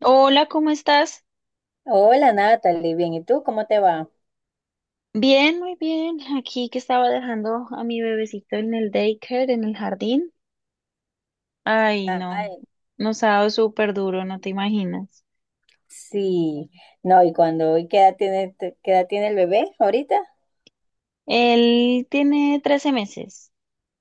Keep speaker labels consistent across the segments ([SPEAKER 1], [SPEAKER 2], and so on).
[SPEAKER 1] Hola, ¿cómo estás?
[SPEAKER 2] Hola Natalie, bien, ¿y tú cómo te va?
[SPEAKER 1] Bien, muy bien. Aquí que estaba dejando a mi bebecito en el daycare, en el jardín. Ay, no,
[SPEAKER 2] Ay,
[SPEAKER 1] nos ha dado súper duro, no te imaginas.
[SPEAKER 2] sí, no, y cuando, ¿y qué edad tiene, te- ¿qué edad tiene el bebé ahorita?
[SPEAKER 1] Él tiene 13 meses,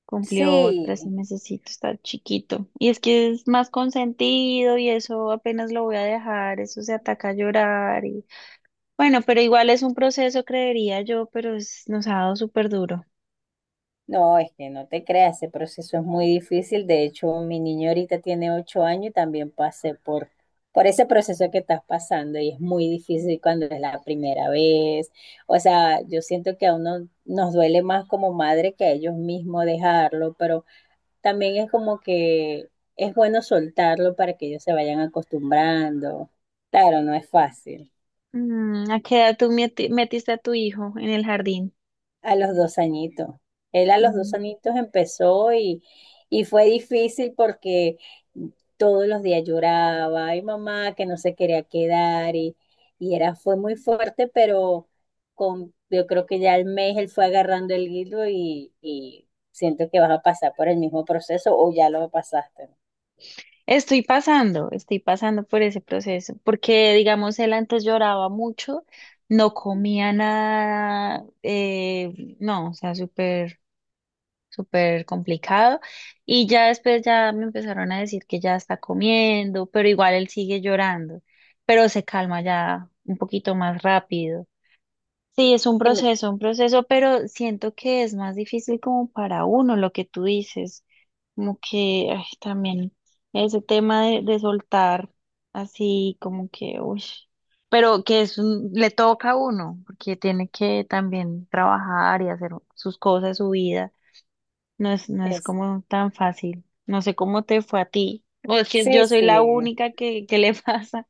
[SPEAKER 1] cumplió 13
[SPEAKER 2] Sí,
[SPEAKER 1] mesecitos, está chiquito. Y es que es más consentido y eso apenas lo voy a dejar, eso se ataca a llorar. Bueno, pero igual es un proceso, creería yo, pero nos ha dado súper duro.
[SPEAKER 2] no, es que no te creas, ese proceso es muy difícil. De hecho mi niño ahorita tiene 8 años y también pasé por ese proceso que estás pasando, y es muy difícil cuando es la primera vez. O sea, yo siento que a uno nos duele más como madre que a ellos mismos dejarlo, pero también es como que es bueno soltarlo para que ellos se vayan acostumbrando. Claro, no es fácil.
[SPEAKER 1] ¿A qué edad tú metiste a tu hijo en el jardín?
[SPEAKER 2] A los 2 añitos. Él a los dos
[SPEAKER 1] Mm.
[SPEAKER 2] añitos empezó, y fue difícil porque todos los días lloraba, ay mamá, que no se quería quedar, y era, fue muy fuerte. Pero con, yo creo que ya al mes él fue agarrando el hilo, y siento que vas a pasar por el mismo proceso o ya lo pasaste.
[SPEAKER 1] Estoy pasando por ese proceso, porque digamos, él antes lloraba mucho, no comía nada, no, o sea, súper, súper complicado. Y ya después ya me empezaron a decir que ya está comiendo, pero igual él sigue llorando, pero se calma ya un poquito más rápido. Sí, es
[SPEAKER 2] Y me-
[SPEAKER 1] un proceso, pero siento que es más difícil como para uno lo que tú dices, como que ay, también ese tema de soltar así como que, uy, pero que le toca a uno, porque tiene que también trabajar y hacer sus cosas, su vida, no es
[SPEAKER 2] es-
[SPEAKER 1] como tan fácil, no sé cómo te fue a ti, o es que
[SPEAKER 2] sí,
[SPEAKER 1] yo soy la
[SPEAKER 2] sí,
[SPEAKER 1] única que le pasa,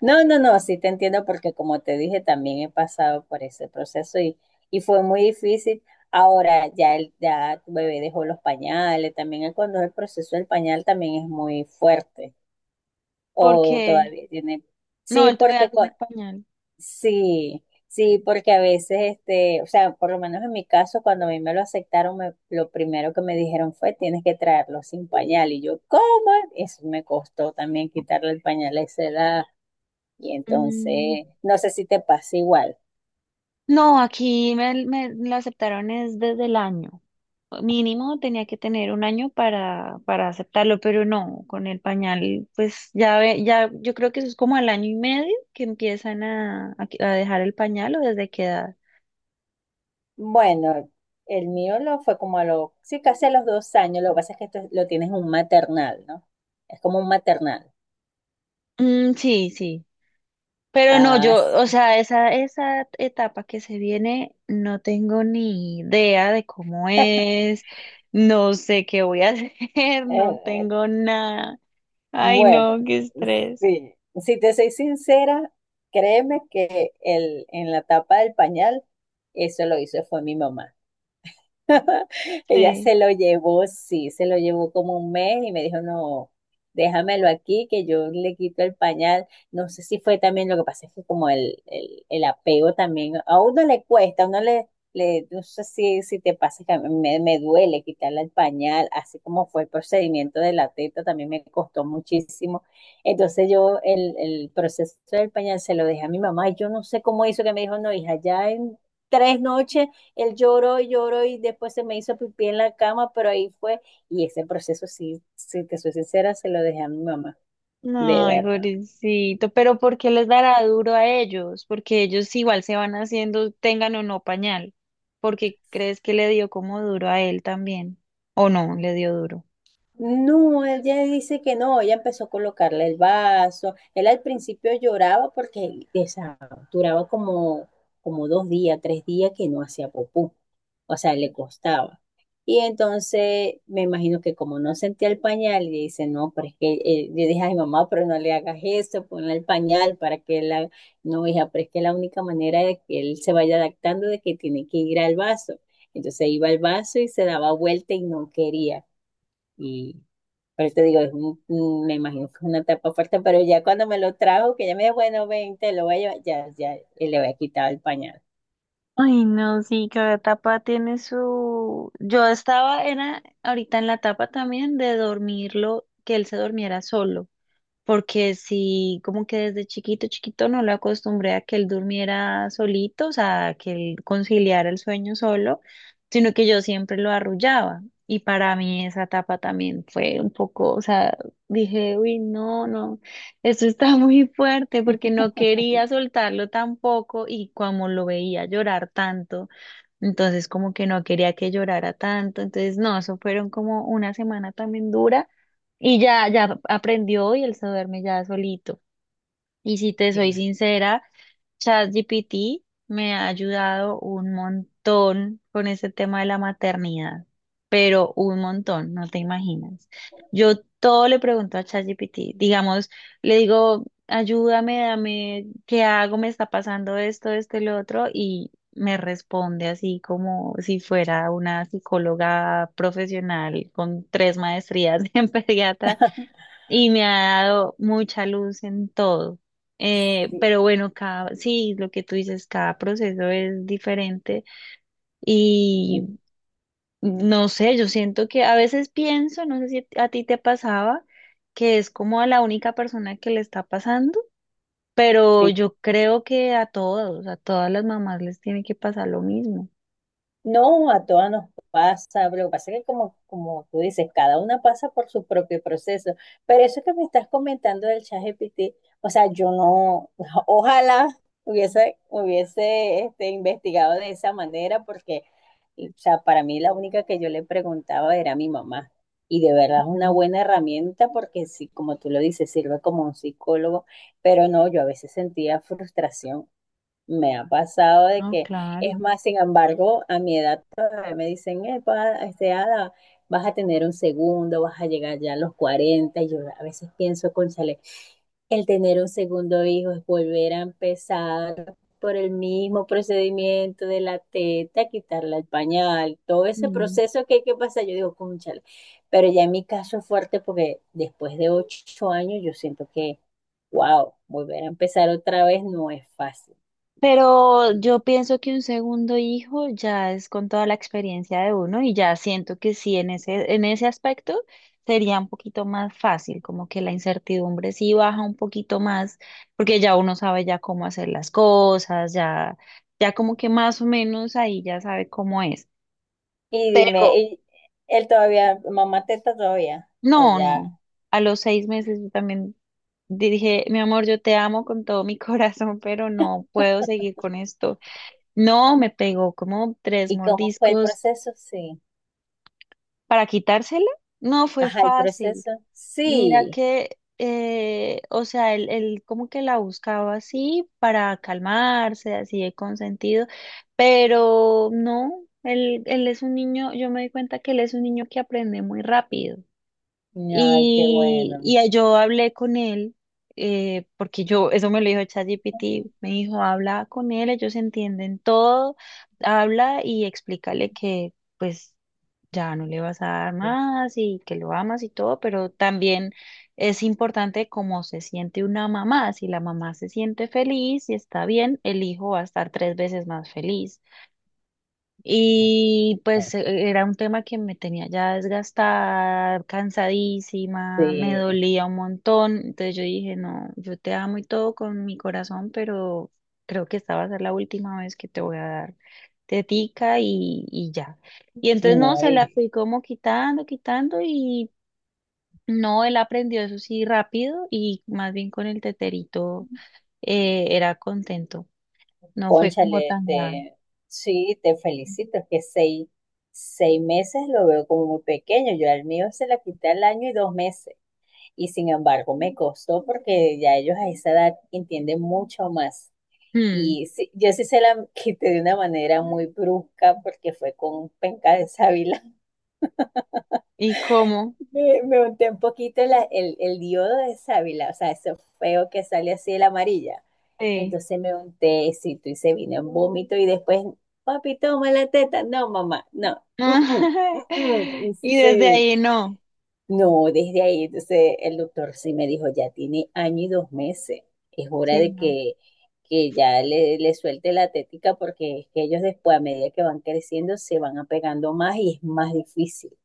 [SPEAKER 2] No, no, no, sí te entiendo, porque como te dije, también he pasado por ese proceso y fue muy difícil. Ahora ya, ya tu bebé dejó los pañales. También cuando el proceso del pañal también es muy fuerte, o
[SPEAKER 1] porque,
[SPEAKER 2] todavía tiene...
[SPEAKER 1] no,
[SPEAKER 2] Sí,
[SPEAKER 1] él todavía tiene pañal.
[SPEAKER 2] sí, sí, porque a veces, este, o sea, por lo menos en mi caso, cuando a mí me lo aceptaron, lo primero que me dijeron fue, tienes que traerlo sin pañal. Y yo, ¿cómo? Eso me costó también, quitarle el pañal a esa edad. Y
[SPEAKER 1] Mm.
[SPEAKER 2] entonces, no sé si te pasa igual.
[SPEAKER 1] No, aquí me lo aceptaron es desde el año. Mínimo tenía que tener un año para aceptarlo, pero no, con el pañal, pues ya ve, ya, yo creo que eso es como al año y medio que empiezan a dejar el pañal o desde qué edad.
[SPEAKER 2] Bueno, el mío lo fue como a los, sí, casi a los 2 años. Lo que pasa es que esto lo tienes en un maternal, ¿no? Es como un maternal.
[SPEAKER 1] Mm, sí, sí. Pero no,
[SPEAKER 2] Ah,
[SPEAKER 1] yo, o
[SPEAKER 2] sí.
[SPEAKER 1] sea, esa etapa que se viene, no tengo ni idea de cómo es, no sé qué voy a hacer, no
[SPEAKER 2] Eh,
[SPEAKER 1] tengo nada. Ay,
[SPEAKER 2] bueno,
[SPEAKER 1] no, qué estrés.
[SPEAKER 2] sí. Si te soy sincera, créeme que en la tapa del pañal, eso lo hizo fue mi mamá. Ella
[SPEAKER 1] Sí.
[SPEAKER 2] se lo llevó, sí, se lo llevó como un mes y me dijo, no, déjamelo aquí, que yo le quito el pañal. No sé si fue también. Lo que pasa es que como el apego también, a uno le cuesta, a uno le no sé si, si te pasa, que a mí me duele quitarle el pañal. Así como fue el procedimiento de la teta, también me costó muchísimo. Entonces yo el proceso del pañal se lo dejé a mi mamá, y yo no sé cómo hizo, que me dijo, no, hija, ya en 3 noches él lloró y lloró y después se me hizo pipí en la cama, pero ahí fue. Y ese proceso, sí, si te soy sincera, se lo dejé a mi mamá, de
[SPEAKER 1] Ay,
[SPEAKER 2] verdad.
[SPEAKER 1] pobrecito, pero ¿por qué les dará duro a ellos? Porque ellos igual se van haciendo, tengan o no pañal. ¿Porque crees que le dio como duro a él también? ¿O no, le dio duro?
[SPEAKER 2] No, él ya dice que no. Ella empezó a colocarle el vaso. Él al principio lloraba porque o duraba como, como 2 días, 3 días que no hacía popú. O sea, le costaba. Y entonces me imagino que como no sentía el pañal, le dice, no, pero es que yo dije, ay mamá, pero no le hagas eso, ponle el pañal para que él, haga-. No, hija, pero es que la única manera de que él se vaya adaptando de que tiene que ir al vaso. Entonces iba al vaso y se daba vuelta y no quería. Pero te digo, me imagino que es una etapa fuerte, pero ya cuando me lo trajo, que ya me dijo, bueno, ven, te lo voy a llevar, ya, ya, y le voy a quitar el pañal.
[SPEAKER 1] Ay, no, sí, cada etapa tiene su. Yo estaba, era ahorita en la etapa también de dormirlo, que él se durmiera solo. Porque si como que desde chiquito, chiquito no lo acostumbré a que él durmiera solito, o sea, a que él conciliara el sueño solo, sino que yo siempre lo arrullaba. Y para mí esa etapa también fue un poco, o sea, dije, uy, no, no, esto está muy fuerte porque no quería soltarlo tampoco y como lo veía llorar tanto. Entonces como que no quería que llorara tanto. Entonces no, eso fueron como una semana también dura y ya, ya aprendió y él se duerme ya solito. Y si te soy
[SPEAKER 2] Sí.
[SPEAKER 1] sincera, ChatGPT me ha ayudado un montón con ese tema de la maternidad, pero un montón, no te imaginas. Yo todo le pregunto a ChatGPT, digamos, le digo, ayúdame, dame, ¿qué hago? Me está pasando esto, esto y lo otro, y me responde así como si fuera una psicóloga profesional con tres maestrías en pediatra y me ha dado mucha luz en todo.
[SPEAKER 2] Sí,
[SPEAKER 1] Pero bueno, cada, sí, lo que tú dices, cada proceso es diferente y no sé, yo siento que a veces pienso, no sé si a ti te pasaba, que es como a la única persona que le está pasando, pero
[SPEAKER 2] sí.
[SPEAKER 1] yo creo que a todos, a todas las mamás les tiene que pasar lo mismo.
[SPEAKER 2] No, a todas nos pasa, pero lo que pasa es que, como, como tú dices, cada una pasa por su propio proceso. Pero eso que me estás comentando del ChatGPT, o sea, yo no, ojalá hubiese este, investigado de esa manera. Porque o sea, para mí la única que yo le preguntaba era a mi mamá. Y de verdad es una
[SPEAKER 1] Mm.
[SPEAKER 2] buena herramienta, porque sí, como tú lo dices, sirve como un psicólogo. Pero no, yo a veces sentía frustración, me ha pasado de
[SPEAKER 1] No,
[SPEAKER 2] que, es
[SPEAKER 1] claro.
[SPEAKER 2] más, sin embargo, a mi edad todavía me dicen, "Epa, este, Ada, vas a tener un segundo, vas a llegar ya a los 40". Y yo a veces pienso, cónchale, el tener un segundo hijo es volver a empezar por el mismo procedimiento de la teta, quitarle el pañal, todo ese proceso que hay que pasar. Yo digo, cónchale, pero ya en mi caso es fuerte, porque después de 8 años yo siento que, wow, volver a empezar otra vez no es fácil.
[SPEAKER 1] Pero yo pienso que un segundo hijo ya es con toda la experiencia de uno y ya siento que sí, en ese aspecto sería un poquito más fácil, como que la incertidumbre sí baja un poquito más, porque ya uno sabe ya cómo hacer las cosas, ya, ya como que más o menos ahí ya sabe cómo es.
[SPEAKER 2] Y dime,
[SPEAKER 1] Pero
[SPEAKER 2] ¿y él todavía, mamá teta todavía? ¿O
[SPEAKER 1] no, no,
[SPEAKER 2] ya?
[SPEAKER 1] a los 6 meses yo también dije, mi amor, yo te amo con todo mi corazón, pero no puedo seguir con esto. No, me pegó como tres
[SPEAKER 2] ¿Y cómo fue el
[SPEAKER 1] mordiscos
[SPEAKER 2] proceso? Sí.
[SPEAKER 1] para quitársela. No fue
[SPEAKER 2] Ajá, el
[SPEAKER 1] fácil.
[SPEAKER 2] proceso.
[SPEAKER 1] Mira
[SPEAKER 2] Sí.
[SPEAKER 1] que, o sea, él como que la buscaba así para calmarse, así de consentido, pero no, él es un niño, yo me di cuenta que él es un niño que aprende muy rápido.
[SPEAKER 2] Ay, qué
[SPEAKER 1] Y,
[SPEAKER 2] bueno.
[SPEAKER 1] y yo hablé con él, porque yo, eso me lo dijo ChatGPT, me dijo, habla con él, ellos entienden todo, habla y explícale que pues ya no le vas a dar más y que lo amas y todo, pero también es importante cómo se siente una mamá. Si la mamá se siente feliz y está bien, el hijo va a estar tres veces más feliz. Y pues era un tema que me tenía ya desgastada, cansadísima, me
[SPEAKER 2] Sí.
[SPEAKER 1] dolía un montón. Entonces yo dije, no, yo te amo y todo con mi corazón, pero creo que esta va a ser la última vez que te voy a dar tetica y ya. Y entonces no,
[SPEAKER 2] No,
[SPEAKER 1] se la
[SPEAKER 2] y
[SPEAKER 1] fui como quitando, quitando y no, él aprendió eso sí rápido y más bien con el teterito era contento. No fue como
[SPEAKER 2] cónchale,
[SPEAKER 1] tan grave.
[SPEAKER 2] te, sí, te felicito. Es que 6, 6 meses lo veo como muy pequeño. Yo al mío se la quité al año y 2 meses. Y sin embargo, me costó, porque ya ellos a esa edad entienden mucho más.
[SPEAKER 1] Mm.
[SPEAKER 2] Y sí, yo sí se la quité de una manera muy brusca, porque fue con penca de sábila.
[SPEAKER 1] ¿Y cómo?
[SPEAKER 2] Me unté un poquito el diodo de sábila, o sea, ese feo que sale así de la amarilla.
[SPEAKER 1] Sí.
[SPEAKER 2] Entonces me unté éxito y se vino en vómito y después, papi, toma la teta. No, mamá, no. Mm, mm,
[SPEAKER 1] Ah,
[SPEAKER 2] mm, mm.
[SPEAKER 1] y desde
[SPEAKER 2] Sí.
[SPEAKER 1] ahí no.
[SPEAKER 2] No, desde ahí, entonces el doctor sí me dijo, ya tiene año y 2 meses, es hora
[SPEAKER 1] Sí,
[SPEAKER 2] de
[SPEAKER 1] no.
[SPEAKER 2] que ya le suelte la tética, porque es que ellos después, a medida que van creciendo, se van apegando más y es más difícil.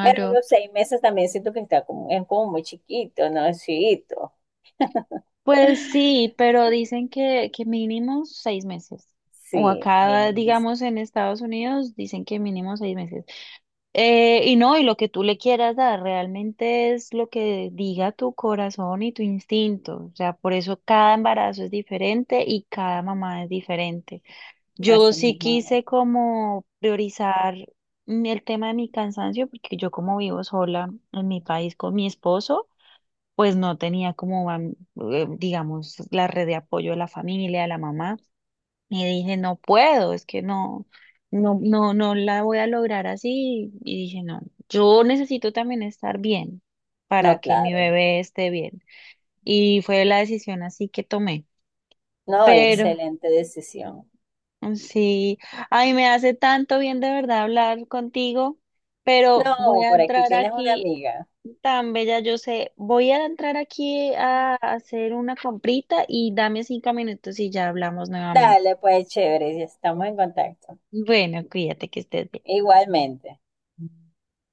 [SPEAKER 2] Pero a los 6 meses también siento que está como, es como muy chiquito, ¿no? Es chiquito.
[SPEAKER 1] Pues sí, pero dicen que mínimo 6 meses. O
[SPEAKER 2] Sí,
[SPEAKER 1] acá,
[SPEAKER 2] miren,
[SPEAKER 1] digamos, en Estados Unidos, dicen que mínimo 6 meses. Y no, y lo que tú le quieras dar realmente es lo que diga tu corazón y tu instinto. O sea, por eso cada embarazo es diferente y cada mamá es diferente. Yo
[SPEAKER 2] así
[SPEAKER 1] sí
[SPEAKER 2] mismo
[SPEAKER 1] quise
[SPEAKER 2] es.
[SPEAKER 1] como priorizar el tema de mi cansancio, porque yo como vivo sola en mi país con mi esposo, pues no tenía como, digamos, la red de apoyo de la familia, de la mamá. Y dije, no puedo, es que no, no, no, no la voy a lograr así. Y dije, no, yo necesito también estar bien para
[SPEAKER 2] No,
[SPEAKER 1] que mi
[SPEAKER 2] claro.
[SPEAKER 1] bebé esté bien. Y fue la decisión así que tomé.
[SPEAKER 2] No,
[SPEAKER 1] Pero
[SPEAKER 2] excelente decisión.
[SPEAKER 1] sí, ay, me hace tanto bien de verdad hablar contigo, pero voy
[SPEAKER 2] No,
[SPEAKER 1] a
[SPEAKER 2] por aquí
[SPEAKER 1] entrar
[SPEAKER 2] tienes una
[SPEAKER 1] aquí,
[SPEAKER 2] amiga.
[SPEAKER 1] tan bella yo sé, voy a entrar aquí a hacer una comprita y dame 5 minutos y ya hablamos nuevamente.
[SPEAKER 2] Dale, pues chévere, ya estamos en contacto.
[SPEAKER 1] Bueno, cuídate que estés bien.
[SPEAKER 2] Igualmente.